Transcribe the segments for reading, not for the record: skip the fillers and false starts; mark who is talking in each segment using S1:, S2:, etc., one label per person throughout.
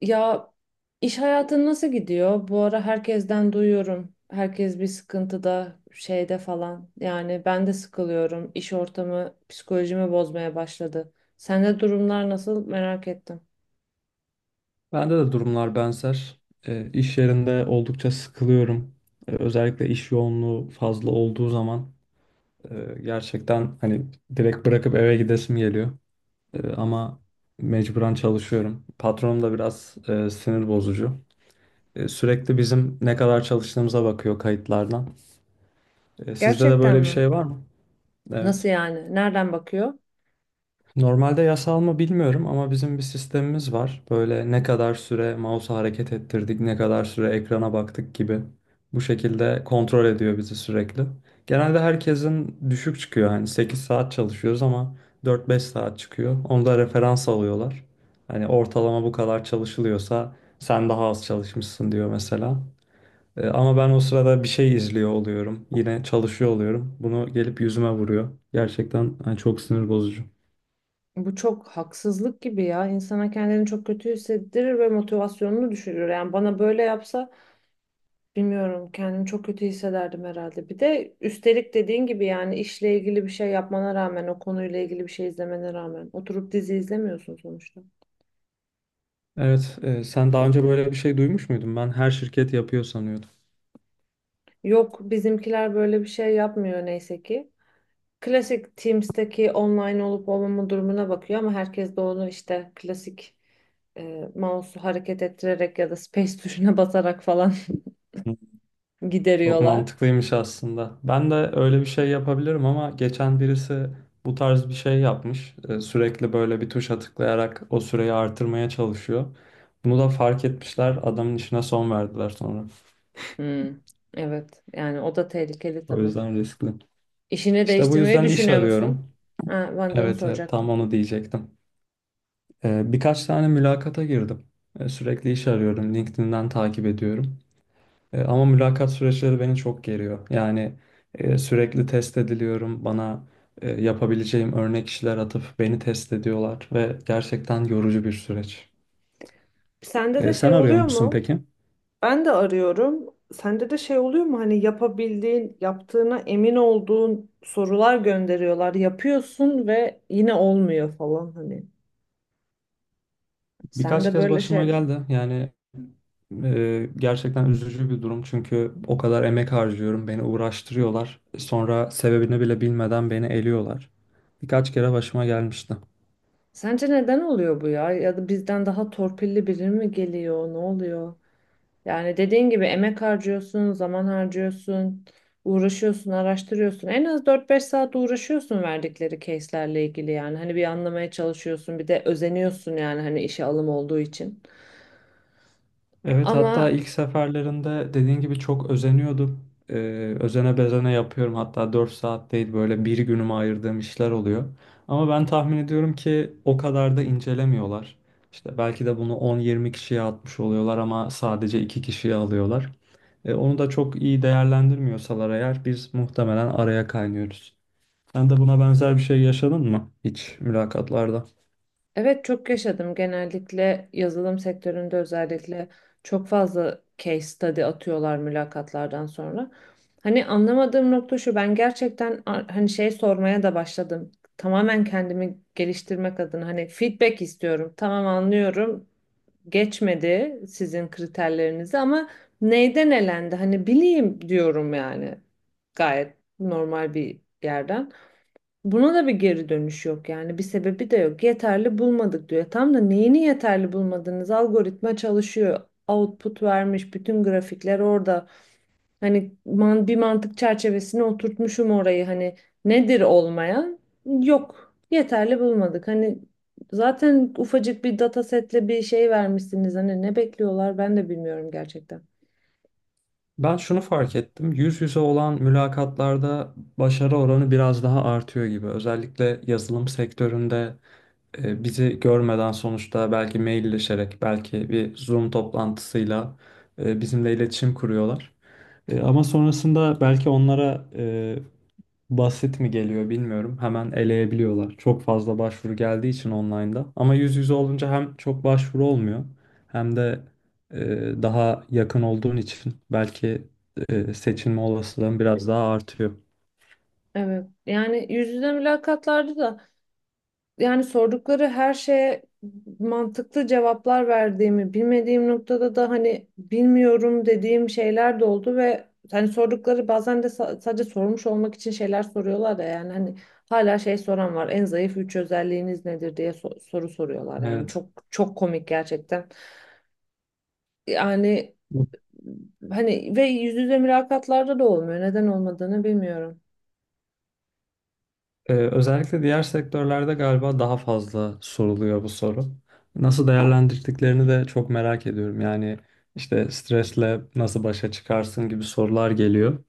S1: Ya iş hayatın nasıl gidiyor? Bu ara herkesten duyuyorum. Herkes bir sıkıntıda, şeyde falan. Yani ben de sıkılıyorum. İş ortamı psikolojimi bozmaya başladı. Sende durumlar nasıl merak ettim.
S2: Bende de durumlar benzer. İş yerinde oldukça sıkılıyorum. Özellikle iş yoğunluğu fazla olduğu zaman gerçekten hani direkt bırakıp eve gidesim geliyor. Ama mecburen çalışıyorum. Patronum da biraz sinir bozucu. Sürekli bizim ne kadar çalıştığımıza bakıyor kayıtlardan. Sizde de
S1: Gerçekten
S2: böyle bir
S1: mi?
S2: şey var mı?
S1: Nasıl
S2: Evet.
S1: yani? Nereden bakıyor?
S2: Normalde yasal mı bilmiyorum ama bizim bir sistemimiz var. Böyle ne kadar süre mouse'u hareket ettirdik, ne kadar süre ekrana baktık gibi. Bu şekilde kontrol ediyor bizi sürekli. Genelde herkesin düşük çıkıyor. Hani 8 saat çalışıyoruz ama 4-5 saat çıkıyor. Onu da referans alıyorlar. Hani ortalama bu kadar çalışılıyorsa sen daha az çalışmışsın diyor mesela. Ama ben o sırada bir şey izliyor oluyorum. Yine çalışıyor oluyorum. Bunu gelip yüzüme vuruyor. Gerçekten hani çok sinir bozucu.
S1: Bu çok haksızlık gibi ya. İnsana kendini çok kötü hissettirir ve motivasyonunu düşürür. Yani bana böyle yapsa bilmiyorum, kendimi çok kötü hissederdim herhalde. Bir de üstelik dediğin gibi yani işle ilgili bir şey yapmana rağmen o konuyla ilgili bir şey izlemene rağmen oturup dizi izlemiyorsun sonuçta.
S2: Evet, sen daha önce böyle bir şey duymuş muydun? Ben her şirket yapıyor sanıyordum.
S1: Yok, bizimkiler böyle bir şey yapmıyor neyse ki. Klasik Teams'teki online olup olmama durumuna bakıyor ama herkes de onu işte klasik mouse'u hareket ettirerek ya da space tuşuna basarak falan
S2: Hı. Çok
S1: gideriyorlar.
S2: mantıklıymış aslında. Ben de öyle bir şey yapabilirim ama geçen birisi bu tarz bir şey yapmış. Sürekli böyle bir tuşa tıklayarak o süreyi artırmaya çalışıyor. Bunu da fark etmişler. Adamın işine son verdiler sonra.
S1: Hmm, evet yani o da tehlikeli
S2: O
S1: tabii.
S2: yüzden riskli.
S1: İşini
S2: İşte bu
S1: değiştirmeyi
S2: yüzden iş
S1: düşünüyor musun?
S2: arıyorum.
S1: Ha, ben de onu
S2: Evet, evet tam
S1: soracaktım.
S2: onu diyecektim. Birkaç tane mülakata girdim. Sürekli iş arıyorum. LinkedIn'den takip ediyorum. Ama mülakat süreçleri beni çok geriyor. Yani sürekli test ediliyorum. Bana yapabileceğim örnek işler atıp beni test ediyorlar ve gerçekten yorucu bir süreç.
S1: Sende de
S2: Sen
S1: şey
S2: arıyor
S1: oluyor
S2: musun
S1: mu?
S2: peki?
S1: Ben de arıyorum. Sende de şey oluyor mu? Hani yapabildiğin, yaptığına emin olduğun sorular gönderiyorlar. Yapıyorsun ve yine olmuyor falan hani.
S2: Birkaç
S1: Sende
S2: kez
S1: böyle
S2: başıma
S1: şeyler.
S2: geldi. Yani gerçekten üzücü bir durum çünkü o kadar emek harcıyorum, beni uğraştırıyorlar. Sonra sebebini bile bilmeden beni eliyorlar. Birkaç kere başıma gelmişti.
S1: Sence neden oluyor bu ya? Ya da bizden daha torpilli biri mi geliyor? Ne oluyor? Yani dediğin gibi emek harcıyorsun, zaman harcıyorsun, uğraşıyorsun, araştırıyorsun. En az 4-5 saat uğraşıyorsun verdikleri case'lerle ilgili yani. Hani bir anlamaya çalışıyorsun, bir de özeniyorsun yani hani işe alım olduğu için.
S2: Evet, hatta
S1: Ama.
S2: ilk seferlerinde dediğin gibi çok özeniyordum. E, Özene bezene yapıyorum. Hatta 4 saat değil böyle bir günümü ayırdığım işler oluyor. Ama ben tahmin ediyorum ki o kadar da incelemiyorlar. İşte belki de bunu on, yirmi kişiye atmış oluyorlar ama sadece 2 kişiye alıyorlar. Onu da çok iyi değerlendirmiyorsalar eğer biz muhtemelen araya kaynıyoruz. Sen de buna benzer bir şey yaşadın mı hiç mülakatlarda?
S1: Evet, çok yaşadım. Genellikle yazılım sektöründe özellikle çok fazla case study atıyorlar mülakatlardan sonra. Hani anlamadığım nokta şu, ben gerçekten hani şey sormaya da başladım. Tamamen kendimi geliştirmek adına hani feedback istiyorum. Tamam, anlıyorum. Geçmedi sizin kriterlerinizi ama neyden elendi? Hani bileyim diyorum yani. Gayet normal bir yerden. Buna da bir geri dönüş yok yani bir sebebi de yok. Yeterli bulmadık diyor. Tam da neyini yeterli bulmadınız? Algoritma çalışıyor. Output vermiş. Bütün grafikler orada. Hani bir mantık çerçevesine oturtmuşum orayı. Hani nedir olmayan? Yok. Yeterli bulmadık. Hani zaten ufacık bir datasetle bir şey vermişsiniz. Hani ne bekliyorlar ben de bilmiyorum gerçekten.
S2: Ben şunu fark ettim. Yüz yüze olan mülakatlarda başarı oranı biraz daha artıyor gibi. Özellikle yazılım sektöründe bizi görmeden sonuçta belki mailleşerek, belki bir Zoom toplantısıyla bizimle iletişim kuruyorlar. Ama sonrasında belki onlara basit mi geliyor bilmiyorum. Hemen eleyebiliyorlar. Çok fazla başvuru geldiği için online'da. Ama yüz yüze olunca hem çok başvuru olmuyor hem de daha yakın olduğun için belki seçilme olasılığın biraz daha artıyor.
S1: Evet. Yani yüz yüze mülakatlarda da yani sordukları her şeye mantıklı cevaplar verdiğimi, bilmediğim noktada da hani bilmiyorum dediğim şeyler de oldu ve hani sordukları bazen de sadece sormuş olmak için şeyler soruyorlar da yani hani hala şey soran var. En zayıf üç özelliğiniz nedir diye soru soruyorlar yani
S2: Evet.
S1: çok çok komik gerçekten. Yani hani ve yüz yüze mülakatlarda da olmuyor. Neden olmadığını bilmiyorum.
S2: Özellikle diğer sektörlerde galiba daha fazla soruluyor bu soru. Nasıl değerlendirdiklerini de çok merak ediyorum. Yani işte stresle nasıl başa çıkarsın gibi sorular geliyor.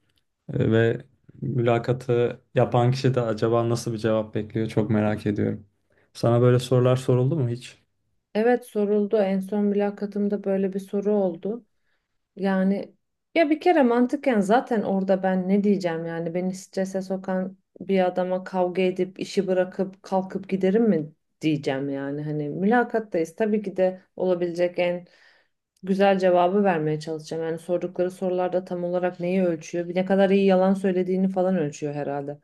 S2: Ve mülakatı yapan kişi de acaba nasıl bir cevap bekliyor çok merak ediyorum. Sana böyle sorular soruldu mu hiç?
S1: Evet, soruldu. En son mülakatımda böyle bir soru oldu. Yani ya bir kere mantıken zaten orada ben ne diyeceğim yani beni strese sokan bir adama kavga edip işi bırakıp kalkıp giderim mi diyeceğim yani hani mülakattayız, tabii ki de olabilecek en güzel cevabı vermeye çalışacağım. Yani sordukları sorularda tam olarak neyi ölçüyor? Bir ne kadar iyi yalan söylediğini falan ölçüyor herhalde.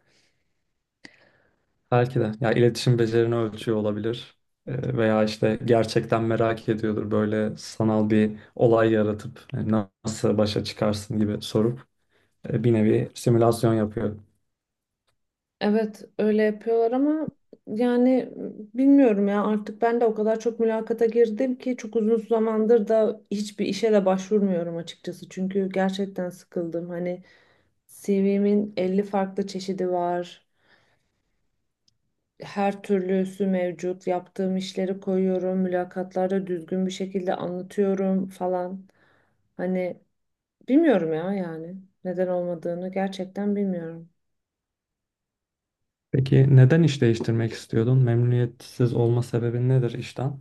S2: Belki de. Ya iletişim becerini ölçüyor olabilir. Veya işte gerçekten merak ediyordur böyle sanal bir olay yaratıp nasıl başa çıkarsın gibi sorup bir nevi simülasyon yapıyor.
S1: Evet, öyle yapıyorlar ama yani bilmiyorum ya, artık ben de o kadar çok mülakata girdim ki çok uzun zamandır da hiçbir işe de başvurmuyorum açıkçası. Çünkü gerçekten sıkıldım. Hani CV'min 50 farklı çeşidi var. Her türlüsü mevcut. Yaptığım işleri koyuyorum. Mülakatlarda düzgün bir şekilde anlatıyorum falan. Hani bilmiyorum ya yani neden olmadığını gerçekten bilmiyorum.
S2: Peki neden iş değiştirmek istiyordun? Memnuniyetsiz olma sebebin nedir işten?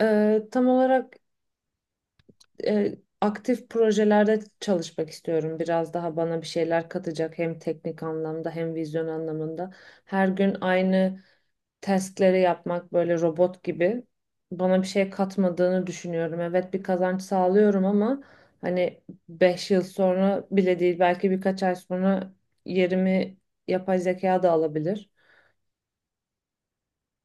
S1: Tam olarak e, aktif projelerde çalışmak istiyorum. Biraz daha bana bir şeyler katacak hem teknik anlamda hem vizyon anlamında. Her gün aynı testleri yapmak böyle robot gibi bana bir şey katmadığını düşünüyorum. Evet, bir kazanç sağlıyorum ama hani 5 yıl sonra bile değil, belki birkaç ay sonra yerimi yapay zeka da alabilir.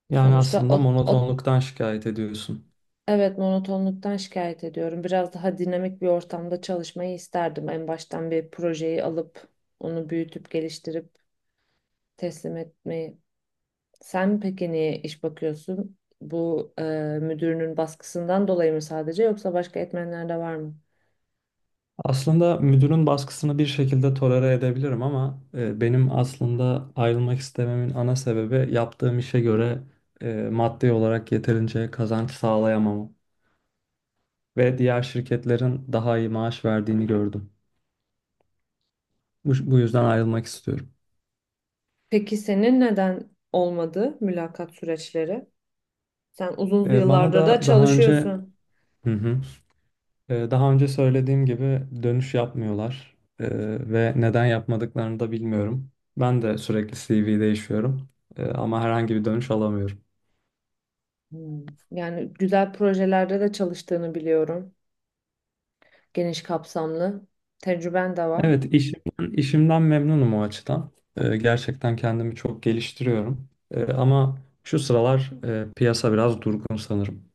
S2: Yani
S1: Sonuçta
S2: aslında
S1: o.
S2: monotonluktan şikayet ediyorsun.
S1: Evet, monotonluktan şikayet ediyorum. Biraz daha dinamik bir ortamda çalışmayı isterdim. En baştan bir projeyi alıp onu büyütüp geliştirip teslim etmeyi. Sen peki niye iş bakıyorsun? Bu müdürünün baskısından dolayı mı sadece yoksa başka etmenler de var mı?
S2: Aslında müdürün baskısını bir şekilde tolere edebilirim ama benim aslında ayrılmak istememin ana sebebi yaptığım işe göre maddi olarak yeterince kazanç sağlayamamam ve diğer şirketlerin daha iyi maaş verdiğini gördüm. Bu yüzden ayrılmak istiyorum.
S1: Peki senin neden olmadı mülakat süreçleri? Sen uzun
S2: Bana
S1: yıllardır da
S2: da daha önce,
S1: çalışıyorsun.
S2: hı hı, daha önce söylediğim gibi dönüş yapmıyorlar. Ve neden yapmadıklarını da bilmiyorum. Ben de sürekli CV değişiyorum, ama herhangi bir dönüş alamıyorum.
S1: Hmm. Yani güzel projelerde de çalıştığını biliyorum. Geniş kapsamlı. Tecrüben de var.
S2: Evet, işimden, işimden memnunum o açıdan. Gerçekten kendimi çok geliştiriyorum. Ama şu sıralar piyasa biraz durgun sanırım.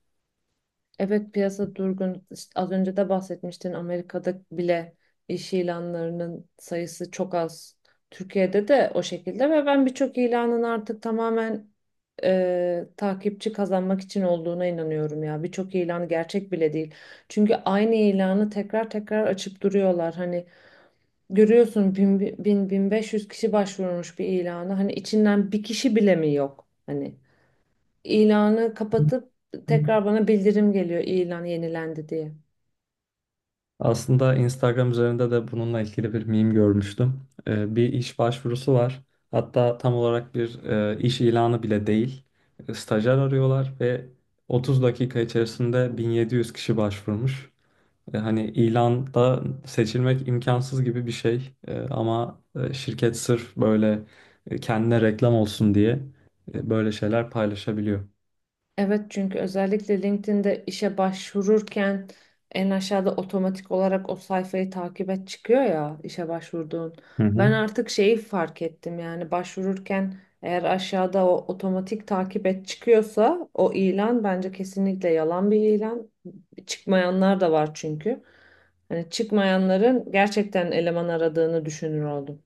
S1: Evet, piyasa durgun. İşte az önce de bahsetmiştin Amerika'da bile iş ilanlarının sayısı çok az. Türkiye'de de o şekilde ve ben birçok ilanın artık tamamen takipçi kazanmak için olduğuna inanıyorum ya. Birçok ilan gerçek bile değil. Çünkü aynı ilanı tekrar tekrar açıp duruyorlar. Hani görüyorsun 1.000, 1.000, 1.500 kişi başvurmuş bir ilana. Hani içinden bir kişi bile mi yok? Hani İlanı kapatıp tekrar bana bildirim geliyor ilan yenilendi diye.
S2: Aslında Instagram üzerinde de bununla ilgili bir meme görmüştüm. Bir iş başvurusu var. Hatta tam olarak bir iş ilanı bile değil. Stajyer arıyorlar ve 30 dakika içerisinde 1700 kişi başvurmuş. Hani ilanda seçilmek imkansız gibi bir şey. Ama şirket sırf böyle kendine reklam olsun diye böyle şeyler paylaşabiliyor.
S1: Evet, çünkü özellikle LinkedIn'de işe başvururken en aşağıda otomatik olarak o sayfayı takip et çıkıyor ya işe başvurduğun.
S2: Hı
S1: Ben
S2: hı.
S1: artık şeyi fark ettim, yani başvururken eğer aşağıda o otomatik takip et çıkıyorsa o ilan bence kesinlikle yalan bir ilan. Çıkmayanlar da var çünkü. Hani çıkmayanların gerçekten eleman aradığını düşünür oldum.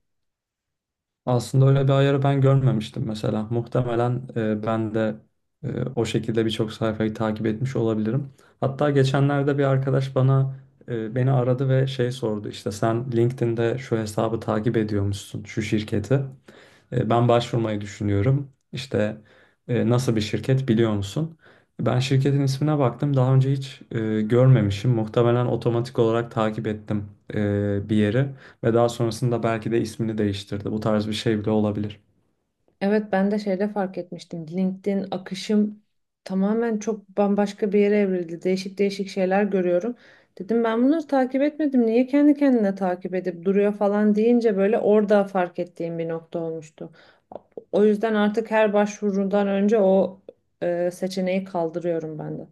S2: Aslında öyle bir ayarı ben görmemiştim mesela. Muhtemelen ben de o şekilde birçok sayfayı takip etmiş olabilirim. Hatta geçenlerde bir arkadaş beni aradı ve şey sordu işte sen LinkedIn'de şu hesabı takip ediyormuşsun şu şirketi. Ben başvurmayı düşünüyorum. İşte nasıl bir şirket biliyor musun? Ben şirketin ismine baktım. Daha önce hiç görmemişim. Muhtemelen otomatik olarak takip ettim bir yeri ve daha sonrasında belki de ismini değiştirdi. Bu tarz bir şey bile olabilir.
S1: Evet, ben de şeyde fark etmiştim. LinkedIn akışım tamamen çok bambaşka bir yere evrildi. Değişik değişik şeyler görüyorum. Dedim ben bunları takip etmedim. Niye kendi kendine takip edip duruyor falan deyince böyle orada fark ettiğim bir nokta olmuştu. O yüzden artık her başvurudan önce o seçeneği kaldırıyorum ben de.